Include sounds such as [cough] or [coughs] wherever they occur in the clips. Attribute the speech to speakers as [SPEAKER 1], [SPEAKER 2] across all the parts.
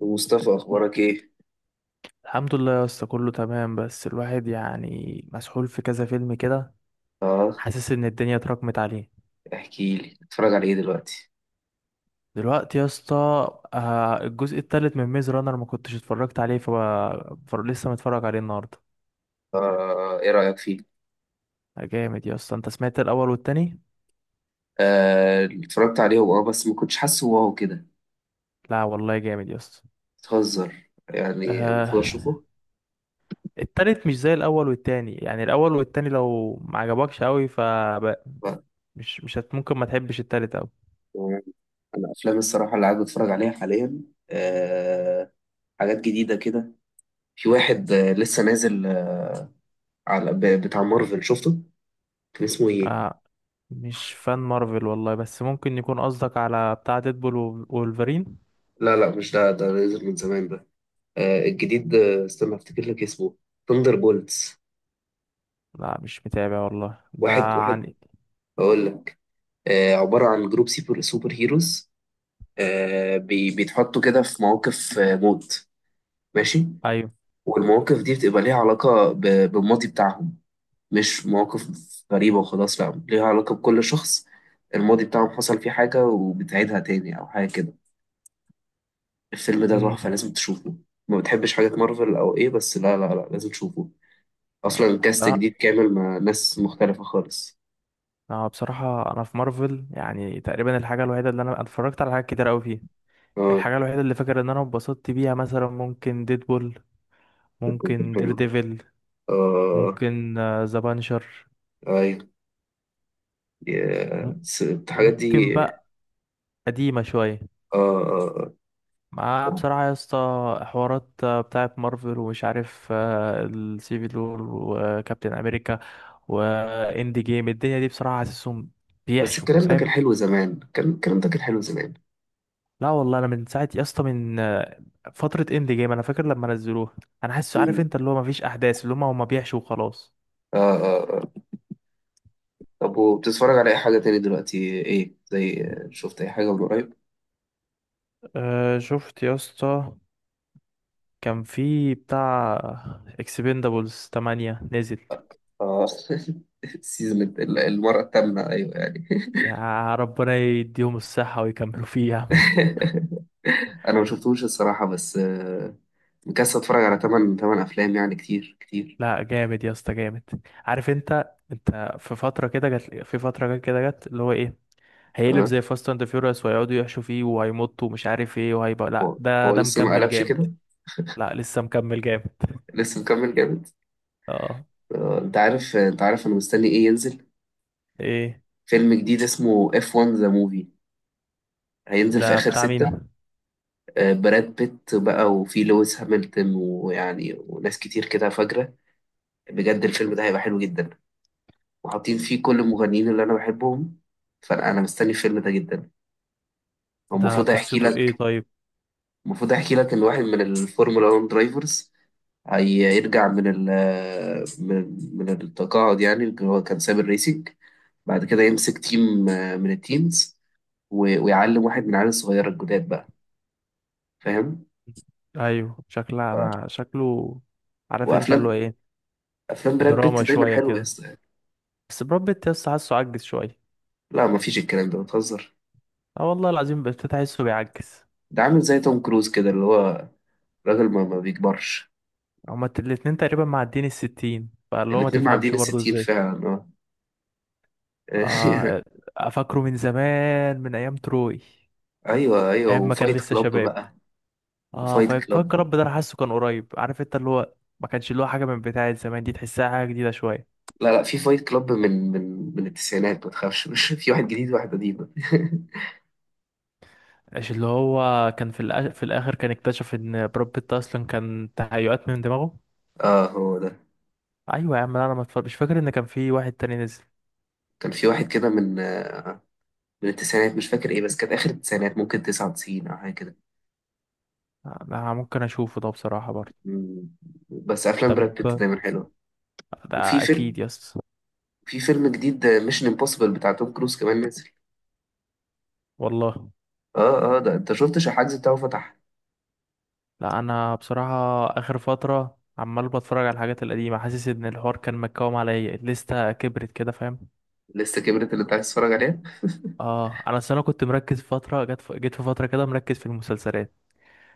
[SPEAKER 1] مصطفى، اخبارك ايه؟
[SPEAKER 2] الحمد لله يا اسطى، كله تمام. بس الواحد يعني مسحول في كذا فيلم كده،
[SPEAKER 1] اه،
[SPEAKER 2] حاسس ان الدنيا اتراكمت عليه.
[SPEAKER 1] احكي لي، اتفرج على ايه دلوقتي؟
[SPEAKER 2] دلوقتي يا اسطى، الجزء التالت من ميز رانر ما كنتش اتفرجت عليه، لسه متفرج عليه النهارده.
[SPEAKER 1] اه، ايه رايك فيه؟
[SPEAKER 2] جامد يا اسطى. انت سمعت الاول والتاني؟
[SPEAKER 1] آه، اتفرجت عليه، اه، بس ما كنتش حاسه واو كده.
[SPEAKER 2] لا والله جامد يا اسطى.
[SPEAKER 1] بتهزر يعني؟ المفروض
[SPEAKER 2] آه...
[SPEAKER 1] اشوفه.
[SPEAKER 2] التالت مش زي الاول والتاني. يعني الاول والتاني لو ما عجبكش قوي، ف
[SPEAKER 1] لا.
[SPEAKER 2] مش مش هت ممكن ما تحبش التالت أوي.
[SPEAKER 1] آه، انا افلام الصراحه اللي قاعد بتفرج عليها حاليا، آه حاجات جديده كده. في واحد لسه نازل، على بتاع مارفل شفته. كان اسمه ايه؟
[SPEAKER 2] آه مش فان مارفل والله، بس ممكن يكون قصدك على بتاع ديدبول وولفرين.
[SPEAKER 1] لا لا، مش ده، ده نازل من زمان ده. الجديد، استنى افتكر لك اسمه. ثاندر بولتس.
[SPEAKER 2] لا مش متابع والله ده
[SPEAKER 1] واحد واحد،
[SPEAKER 2] عن.
[SPEAKER 1] هقول لك. عبارة عن جروب سوبر سوبر هيروز، بيتحطوا كده في مواقف موت. ماشي.
[SPEAKER 2] ايوه.
[SPEAKER 1] والمواقف دي بتبقى ليها علاقة بالماضي بتاعهم، مش مواقف غريبة وخلاص، لا، ليها علاقة بكل شخص. الماضي بتاعهم حصل فيه حاجة وبتعيدها تاني أو حاجة كده. الفيلم ده
[SPEAKER 2] امم
[SPEAKER 1] تحفة، لازم تشوفه. ما بتحبش حاجات مارفل أو إيه؟ بس لا لا لا، لازم تشوفه. أصلا الكاست جديد
[SPEAKER 2] بصراحه،
[SPEAKER 1] كامل مع ناس مختلفة خالص.
[SPEAKER 2] بصراحه انا في مارفل يعني تقريبا الحاجه الوحيده اللي انا اتفرجت على حاجات كتير قوي فيه.
[SPEAKER 1] اه.
[SPEAKER 2] الحاجه الوحيده اللي فاكر ان انا اتبسطت بيها مثلا ممكن ديدبول،
[SPEAKER 1] بتكون
[SPEAKER 2] ممكن دير
[SPEAKER 1] حلو.
[SPEAKER 2] ديفل،
[SPEAKER 1] اه.
[SPEAKER 2] ممكن ذا بانشر،
[SPEAKER 1] ايوه. يا- الحاجات دي.
[SPEAKER 2] ممكن بقى قديمة شوية.
[SPEAKER 1] آه آه آه.
[SPEAKER 2] مع بصراحة يا اسطى، حوارات بتاعة مارفل ومش عارف، السيفل وور وكابتن أمريكا وإند جيم، الدنيا دي بصراحة حاسسهم
[SPEAKER 1] بس
[SPEAKER 2] بيحشوا،
[SPEAKER 1] الكلام ده
[SPEAKER 2] فاهم.
[SPEAKER 1] كان حلو زمان، كان الكلام ده كان حلو زمان.
[SPEAKER 2] لا والله، أنا من ساعة يا اسطى، من فترة إند جيم أنا فاكر لما نزلوها. أنا حاسس، عارف
[SPEAKER 1] مم.
[SPEAKER 2] أنت اللي هو مفيش أحداث، اللي هما بيحشوا وخلاص.
[SPEAKER 1] آه آه آه. طب، وبتتفرج على أي حاجة تاني دلوقتي؟ إيه زي، شفت أي حاجة من قريب؟
[SPEAKER 2] أه شفت يا اسطى، كان في بتاع اكسبندابلز 8 نزل.
[SPEAKER 1] آه. [laughs] السيزون المرة التامنة، أيوه يعني.
[SPEAKER 2] يا ربنا يديهم الصحة ويكملوا فيها.
[SPEAKER 1] [laughs] أنا ما شفتوش الصراحة، بس مكسل أتفرج على تمن تمن أفلام، يعني كتير كتير.
[SPEAKER 2] لا جامد يا اسطى، جامد. عارف انت في فترة كده جت، في فترة جت كده جت اللي هو ايه، هيقلب
[SPEAKER 1] آه
[SPEAKER 2] زي فاست اند فيوريوس ويقعدوا يحشوا فيه وهيمطوا ومش عارف ايه وهيبقى لا.
[SPEAKER 1] هو
[SPEAKER 2] ده
[SPEAKER 1] هو
[SPEAKER 2] ده
[SPEAKER 1] لسه ما
[SPEAKER 2] مكمل
[SPEAKER 1] قلبش
[SPEAKER 2] جامد.
[SPEAKER 1] كده.
[SPEAKER 2] لا لسه مكمل جامد.
[SPEAKER 1] لسه مكمل جامد.
[SPEAKER 2] اه.
[SPEAKER 1] أنت عارف أنا مستني إيه ينزل.
[SPEAKER 2] ايه؟
[SPEAKER 1] فيلم جديد اسمه F1 The Movie، هينزل في
[SPEAKER 2] ده
[SPEAKER 1] آخر
[SPEAKER 2] بتاع مين؟
[SPEAKER 1] ستة. براد بيت بقى وفي لويس هامilton ويعني وناس كتير كده فجرة. بجد الفيلم ده هيبقى حلو جدا، وحاطين فيه كل المغنيين اللي أنا بحبهم. فأنا مستني الفيلم ده جدا. هو
[SPEAKER 2] ده
[SPEAKER 1] المفروض هيحكي
[SPEAKER 2] قصته ايه
[SPEAKER 1] لك.
[SPEAKER 2] طيب؟
[SPEAKER 1] المفروض هيحكي لك إن واحد من الفورمولا 1 درايفرز هيرجع من ال من من التقاعد، يعني اللي هو كان ساب الريسنج، بعد كده يمسك تيم من التيمز، ويعلم واحد من العيال الصغيرة الجداد بقى. فاهم؟
[SPEAKER 2] ايوه، شكلها
[SPEAKER 1] ف-
[SPEAKER 2] انا شكله، عارف انت اللي هو
[SPEAKER 1] وأفلام
[SPEAKER 2] ايه.
[SPEAKER 1] أفلام براد بيت
[SPEAKER 2] دراما
[SPEAKER 1] دايما
[SPEAKER 2] شوية
[SPEAKER 1] حلوة يا
[SPEAKER 2] كده،
[SPEAKER 1] اسطى.
[SPEAKER 2] بس براد بيت يا اسطى حاسه عجز شوية.
[SPEAKER 1] لا، مفيش الكلام ده، بتهزر.
[SPEAKER 2] اه والله العظيم بقيت تحسه بيعجز.
[SPEAKER 1] ده عامل زي توم كروز كده، اللي هو راجل ما بيكبرش.
[SPEAKER 2] هما الاتنين تقريبا معديين الستين، فاللي هو ما
[SPEAKER 1] الاتنين معديين
[SPEAKER 2] تفهمش برضه
[SPEAKER 1] الستين
[SPEAKER 2] ازاي.
[SPEAKER 1] فعلا، اه.
[SPEAKER 2] اه. افكره من زمان من ايام تروي،
[SPEAKER 1] [laughs] ايوه ايوه،
[SPEAKER 2] ايام ما كان
[SPEAKER 1] وفايت
[SPEAKER 2] لسه
[SPEAKER 1] كلاب
[SPEAKER 2] شباب.
[SPEAKER 1] بقى.
[SPEAKER 2] اه
[SPEAKER 1] وفايت
[SPEAKER 2] فاك
[SPEAKER 1] كلاب.
[SPEAKER 2] رب، ده انا حاسه كان قريب، عارف انت اللي هو. ما كانش اللي هو حاجه من بتاعه زمان، دي تحسها حاجه جديده شويه.
[SPEAKER 1] لا لا، في فايت كلاب من من التسعينات، ما تخافش. [laughs] مش في واحد جديد وواحد قديم.
[SPEAKER 2] مش اللي هو كان في الاخر كان اكتشف ان براد بيت اصلا كان تهيؤات من دماغه.
[SPEAKER 1] [laughs] اه، هو ده.
[SPEAKER 2] ايوه يا عم. لا، انا ما اتفرج- مش فاكر ان كان في واحد تاني نزل.
[SPEAKER 1] كان في واحد كده من التسعينات، مش فاكر ايه، بس كانت اخر التسعينات، ممكن 99 او حاجه كده.
[SPEAKER 2] انا ممكن اشوفه ده بصراحه برضه.
[SPEAKER 1] مم. بس افلام براد بيت دايما
[SPEAKER 2] طب،
[SPEAKER 1] حلوه. وفي
[SPEAKER 2] ده
[SPEAKER 1] فيلم
[SPEAKER 2] اكيد يس.
[SPEAKER 1] في فيلم جديد ميشن امبوسيبل بتاع توم كروز كمان نازل.
[SPEAKER 2] والله.
[SPEAKER 1] اه اه، ده انت شفتش الحجز بتاعه فتح.
[SPEAKER 2] لا انا بصراحه اخر فتره عمال بتفرج على الحاجات القديمه، حاسس ان الحوار كان مكوم عليا، الليسته كبرت كده فاهم.
[SPEAKER 1] لسه كبرت اللي انت عايز تتفرج عليه.
[SPEAKER 2] اه، انا أصل انا كنت مركز فتره جت، جيت في فتره كده مركز في المسلسلات،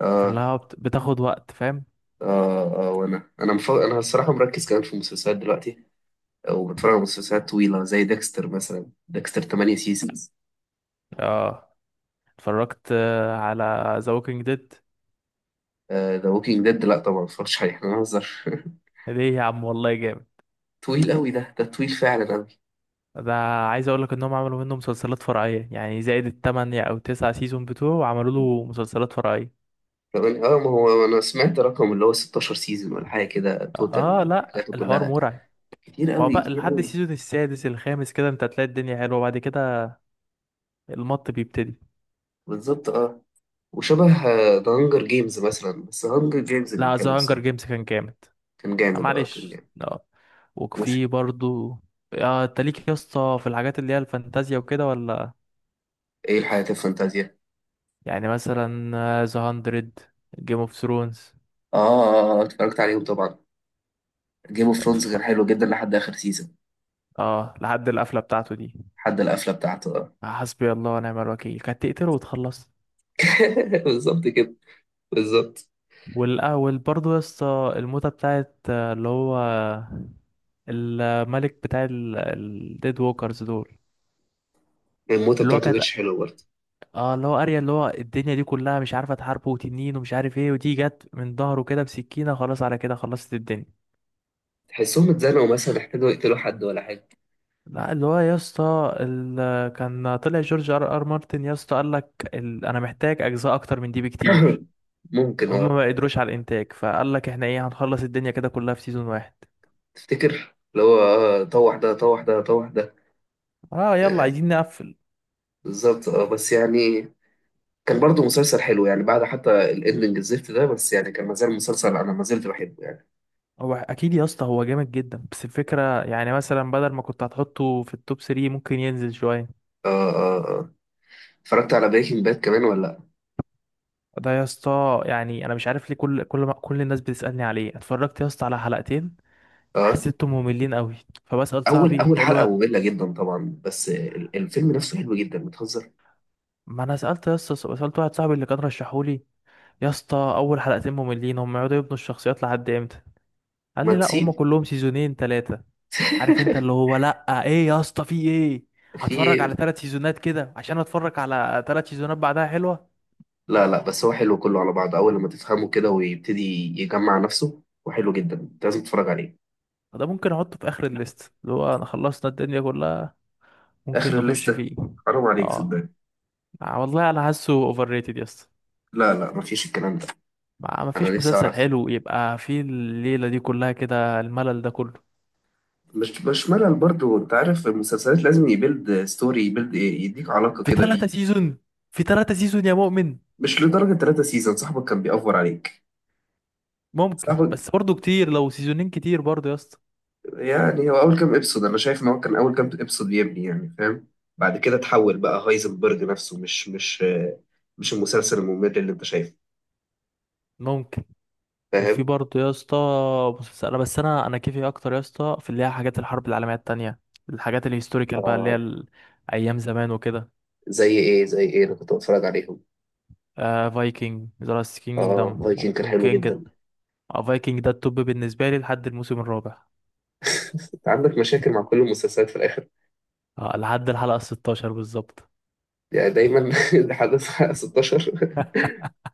[SPEAKER 1] اه
[SPEAKER 2] فاللي بتاخد وقت فاهم.
[SPEAKER 1] اه اه، وانا انا الصراحه مركز كمان في المسلسلات دلوقتي، وبتفرج على مسلسلات طويله زي ديكستر مثلا، ديكستر 8 سيزونز.
[SPEAKER 2] اه اتفرجت على ذا ووكينج ديد.
[SPEAKER 1] ذا ووكينج ديد لا طبعا، ما اتفرجتش عليه، احنا بنهزر. [laughs]
[SPEAKER 2] ليه يا عم والله جامد.
[SPEAKER 1] طويل قوي ده طويل فعلا قوي.
[SPEAKER 2] ده عايز اقول لك انهم عملوا منه مسلسلات فرعيه، يعني زائد التمانية او تسعة سيزون بتوعه عملوا له مسلسلات فرعيه.
[SPEAKER 1] اه، ما هو انا سمعت رقم اللي هو 16 سيزون ولا حاجه كده،
[SPEAKER 2] اه
[SPEAKER 1] توتال
[SPEAKER 2] لا
[SPEAKER 1] حاجاته
[SPEAKER 2] الحوار
[SPEAKER 1] كلها،
[SPEAKER 2] مرعب.
[SPEAKER 1] كتير
[SPEAKER 2] هو
[SPEAKER 1] قوي
[SPEAKER 2] بقى
[SPEAKER 1] كتير
[SPEAKER 2] لحد
[SPEAKER 1] قوي.
[SPEAKER 2] السيزون السادس الخامس كده انت هتلاقي الدنيا حلوه، بعد كده المط بيبتدي.
[SPEAKER 1] بالظبط، اه. وشبه ذا هانجر جيمز مثلا، بس هانجر جيمز كان
[SPEAKER 2] لا
[SPEAKER 1] حلو
[SPEAKER 2] ذا هانجر
[SPEAKER 1] الصراحه.
[SPEAKER 2] جيمز كان جامد.
[SPEAKER 1] كان جامد، اه، كان
[SPEAKER 2] معلش
[SPEAKER 1] جامد.
[SPEAKER 2] اه.
[SPEAKER 1] مش،
[SPEAKER 2] وفي برضو. اه انت ليك يا اسطى في الحاجات اللي هي الفانتازيا وكده ولا؟
[SPEAKER 1] ايه الحياة الفانتازيا؟
[SPEAKER 2] يعني مثلا ذا هاندرد، جيم اوف ثرونز.
[SPEAKER 1] اه، اتفرجت عليهم طبعا. جيم اوف ثرونز كان حلو جدا لحد اخر سيزون.
[SPEAKER 2] اه لحد القفله بتاعته دي،
[SPEAKER 1] لحد القفله بتاعته. آه.
[SPEAKER 2] حسبي الله ونعم الوكيل، كانت تقتله وتخلص.
[SPEAKER 1] [laughs] بالظبط كده. بالظبط.
[SPEAKER 2] والاول برضو يا اسطى، الموتة بتاعت اللي هو الملك بتاع الديد ووكرز دول،
[SPEAKER 1] الموتة
[SPEAKER 2] اللي هو
[SPEAKER 1] بتاعته ما
[SPEAKER 2] كانت،
[SPEAKER 1] كانتش حلوه برضه.
[SPEAKER 2] اه اللي هو اريا اللي هو الدنيا دي كلها مش عارفه تحاربه وتنين ومش عارف ايه، ودي جت من ظهره كده بسكينه، خلاص على كده خلصت الدنيا.
[SPEAKER 1] تحسهم اتزنقوا، مثلا احتاجوا يقتلوا حد ولا حاجه.
[SPEAKER 2] لا اللي هو يا اسطى، كان طلع جورج ار ار مارتن يا اسطى قال لك، انا محتاج اجزاء اكتر من دي بكتير.
[SPEAKER 1] [coughs] [clears throat] ممكن،
[SPEAKER 2] هما
[SPEAKER 1] اه.
[SPEAKER 2] ما قدروش على الانتاج، فقال لك احنا ايه، هنخلص الدنيا كده كلها في سيزون واحد.
[SPEAKER 1] تفتكر اللي هو، اه، طوح ده طوح ده طوح ده.
[SPEAKER 2] اه يلا
[SPEAKER 1] آه،
[SPEAKER 2] عايزين نقفل.
[SPEAKER 1] بالظبط، اه، بس يعني كان برضه مسلسل حلو، يعني بعد حتى الاندنج الزفت ده، بس يعني كان مازال مسلسل، انا ما زلت بحبه يعني.
[SPEAKER 2] هو اكيد يا اسطى، هو جامد جدا، بس الفكره يعني مثلا بدل ما كنت هتحطه في التوب 3، ممكن ينزل شويه.
[SPEAKER 1] اه اه اه، اتفرجت على بريكنج باد كمان ولا لأ؟
[SPEAKER 2] ده يا اسطى، يعني انا مش عارف ليه كل ما كل الناس بتسالني عليه، اتفرجت يا اسطى على حلقتين،
[SPEAKER 1] آه.
[SPEAKER 2] حسيتهم مملين قوي. فبسال
[SPEAKER 1] اول
[SPEAKER 2] صاحبي
[SPEAKER 1] اول
[SPEAKER 2] بقول
[SPEAKER 1] حلقه
[SPEAKER 2] له،
[SPEAKER 1] ممله جدا طبعا، بس الفيلم نفسه حلو جدا، بتهزر.
[SPEAKER 2] ما انا سالت يا اسطى، سالت واحد صاحبي اللي كان رشحولي، يا اسطى اول حلقتين مملين، هم يقعدوا يبنوا الشخصيات لحد امتى؟ قال
[SPEAKER 1] ما
[SPEAKER 2] لي لا هم
[SPEAKER 1] تسيب.
[SPEAKER 2] كلهم سيزونين ثلاثه. عارف انت
[SPEAKER 1] [laughs]
[SPEAKER 2] اللي هو، لا ايه يا اسطى في ايه،
[SPEAKER 1] في
[SPEAKER 2] هتفرج على
[SPEAKER 1] إيه؟
[SPEAKER 2] ثلاث سيزونات كده عشان اتفرج على ثلاث سيزونات بعدها حلوه؟
[SPEAKER 1] لا لا، بس هو حلو كله على بعضه، اول لما تفهمه كده ويبتدي يجمع نفسه، وحلو جدا، انت لازم تتفرج عليه.
[SPEAKER 2] ده ممكن احطه في اخر الليست اللي هو انا خلصنا الدنيا كلها، ممكن
[SPEAKER 1] اخر
[SPEAKER 2] نخش
[SPEAKER 1] الليسته؟
[SPEAKER 2] فيه.
[SPEAKER 1] حرام عليك،
[SPEAKER 2] اه.
[SPEAKER 1] صدقني.
[SPEAKER 2] والله انا حاسه اوفر ريتد يا اسطى.
[SPEAKER 1] لا لا، مفيش الكلام ده.
[SPEAKER 2] ما
[SPEAKER 1] انا
[SPEAKER 2] فيش
[SPEAKER 1] نفسي
[SPEAKER 2] مسلسل
[SPEAKER 1] اعرف.
[SPEAKER 2] حلو يبقى فيه الليله دي كلها كده الملل ده كله.
[SPEAKER 1] مش ملل برضه، انت عارف المسلسلات لازم يبيلد ستوري، يبيلد يديك علاقه
[SPEAKER 2] في
[SPEAKER 1] كده
[SPEAKER 2] ثلاثة
[SPEAKER 1] بيه.
[SPEAKER 2] سيزون، في ثلاثة سيزون يا مؤمن.
[SPEAKER 1] مش لدرجه ثلاثة سيزون صاحبك كان بيأفور عليك.
[SPEAKER 2] ممكن،
[SPEAKER 1] صاحبك،
[SPEAKER 2] بس برضو كتير، لو سيزونين كتير برضو يا اسطى.
[SPEAKER 1] يعني هو اول كام ابسود، انا شايف ان هو كان اول كام ابسود يبني، يعني فاهم؟ بعد كده تحول بقى هايزنبرج نفسه، مش المسلسل الممل اللي انت شايفه.
[SPEAKER 2] ممكن. وفي
[SPEAKER 1] فاهم.
[SPEAKER 2] برضو يا اسطى مسلسل، بس انا كيفي اكتر يا اسطى في اللي هي حاجات الحرب العالميه التانية، الحاجات الهيستوريكال بقى، اللي هي
[SPEAKER 1] اه،
[SPEAKER 2] ايام زمان وكده.
[SPEAKER 1] زي ايه انا كنت بتفرج عليهم.
[SPEAKER 2] فايكنج، ذا لاست كينجدم،
[SPEAKER 1] اه، فايكنج كان
[SPEAKER 2] ممكن
[SPEAKER 1] حلو
[SPEAKER 2] كينج.
[SPEAKER 1] جدا.
[SPEAKER 2] فايكنج ده التوب بالنسبه لي لحد الموسم الرابع،
[SPEAKER 1] [laughs] انت عندك مشاكل مع كل المسلسلات في الاخر،
[SPEAKER 2] لحد الحلقة 16 بالظبط.
[SPEAKER 1] يعني دايما. [laughs] لحد الساعه 16.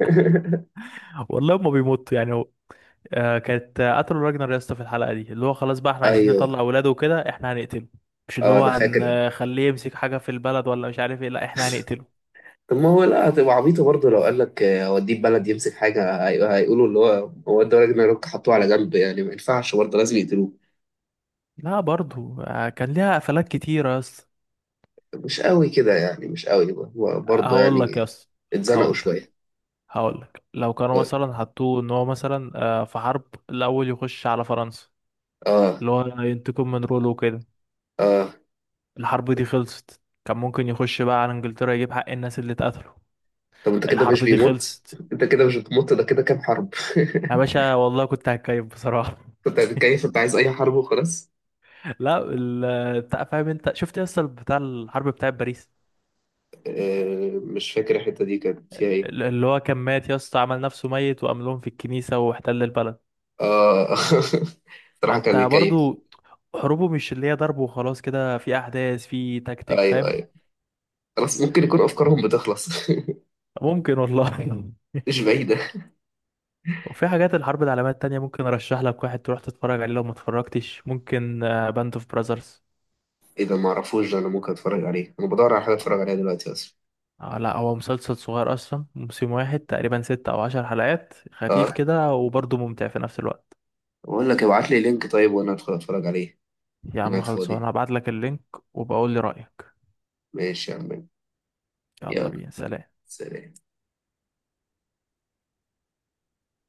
[SPEAKER 1] [laughs]
[SPEAKER 2] والله هما بيموتوا يعني، هو آه كانت آه، قتلوا راجنر يا اسطى في الحلقة دي، اللي هو خلاص بقى احنا عايزين نطلع
[SPEAKER 1] ايوه،
[SPEAKER 2] اولاده وكده احنا هنقتله. مش اللي
[SPEAKER 1] اه
[SPEAKER 2] هو
[SPEAKER 1] انا فاكر.
[SPEAKER 2] هنخليه يمسك حاجة في البلد ولا مش عارف ايه، لا احنا هنقتله.
[SPEAKER 1] طب ما هو لا، هتبقى عبيطة برضه لو قال لك اوديه بلد يمسك حاجة، هيقولوا اللي هو ادى راجل نيرويورك حطوه على جنب، يعني ما ينفعش، برضه لازم يقتلوه.
[SPEAKER 2] لا برضو، كان ليها قفلات كتيرة يا اسطى.
[SPEAKER 1] مش قوي كده يعني، مش قوي هو برضه
[SPEAKER 2] هقول
[SPEAKER 1] يعني.
[SPEAKER 2] لك يا اسطى.
[SPEAKER 1] اتزنقوا
[SPEAKER 2] هقول لك.
[SPEAKER 1] شوية.
[SPEAKER 2] هقول لك، لو كانوا مثلا حطوه ان هو مثلا في حرب الاول يخش على فرنسا،
[SPEAKER 1] اه
[SPEAKER 2] اللي هو ينتقم من رولو وكده،
[SPEAKER 1] اه.
[SPEAKER 2] الحرب دي خلصت كان ممكن يخش بقى على انجلترا يجيب حق الناس اللي اتقتلوا.
[SPEAKER 1] طب انت كده مش
[SPEAKER 2] الحرب دي
[SPEAKER 1] بيموت؟
[SPEAKER 2] خلصت.
[SPEAKER 1] انت كده مش بتموت، ده كده كام حرب.
[SPEAKER 2] يا باشا والله كنت هتكيف بصراحة.
[SPEAKER 1] [laughs] انت كيف، انت عايز اي حرب وخلاص.
[SPEAKER 2] [laughs] لا فاهم، انت شفت يا اسطى بتاع الحرب بتاع باريس،
[SPEAKER 1] مش فاكر الحتة دي كانت فيها ايه.
[SPEAKER 2] اللي هو كان مات يا اسطى عمل نفسه ميت، وقام لهم في الكنيسة واحتل البلد.
[SPEAKER 1] اه. [laughs] صراحة
[SPEAKER 2] فانت
[SPEAKER 1] كان بيكيف.
[SPEAKER 2] برضو حروبه مش اللي هي ضرب وخلاص كده، في احداث، في تكتيك
[SPEAKER 1] ايوه
[SPEAKER 2] فاهم.
[SPEAKER 1] ايوه، خلاص ممكن يكون افكارهم بتخلص.
[SPEAKER 2] ممكن والله.
[SPEAKER 1] [laughs] مش بعيدة.
[SPEAKER 2] [laughs] وفي حاجات الحرب العالمية التانية ممكن ارشح لك واحد تروح تتفرج عليه لو ما اتفرجتش، ممكن باند اوف براذرز.
[SPEAKER 1] ايه ده؟ ما اعرفوش ده، انا ممكن اتفرج عليه، انا بدور على حاجه اتفرج عليها دلوقتي اصلا.
[SPEAKER 2] لا هو مسلسل صغير اصلا، موسم واحد تقريبا ستة او عشر حلقات، خفيف
[SPEAKER 1] اه،
[SPEAKER 2] كده وبرضه ممتع في نفس الوقت.
[SPEAKER 1] بقول لك ابعت لي لينك طيب، وانا ادخل اتفرج عليه.
[SPEAKER 2] يا
[SPEAKER 1] انا
[SPEAKER 2] عم
[SPEAKER 1] قاعد
[SPEAKER 2] خلصوا، انا
[SPEAKER 1] فاضي.
[SPEAKER 2] هبعت لك اللينك، وبقول لي رأيك.
[SPEAKER 1] ماشي يا عم،
[SPEAKER 2] يلا
[SPEAKER 1] يلا،
[SPEAKER 2] بينا، سلام.
[SPEAKER 1] سلام.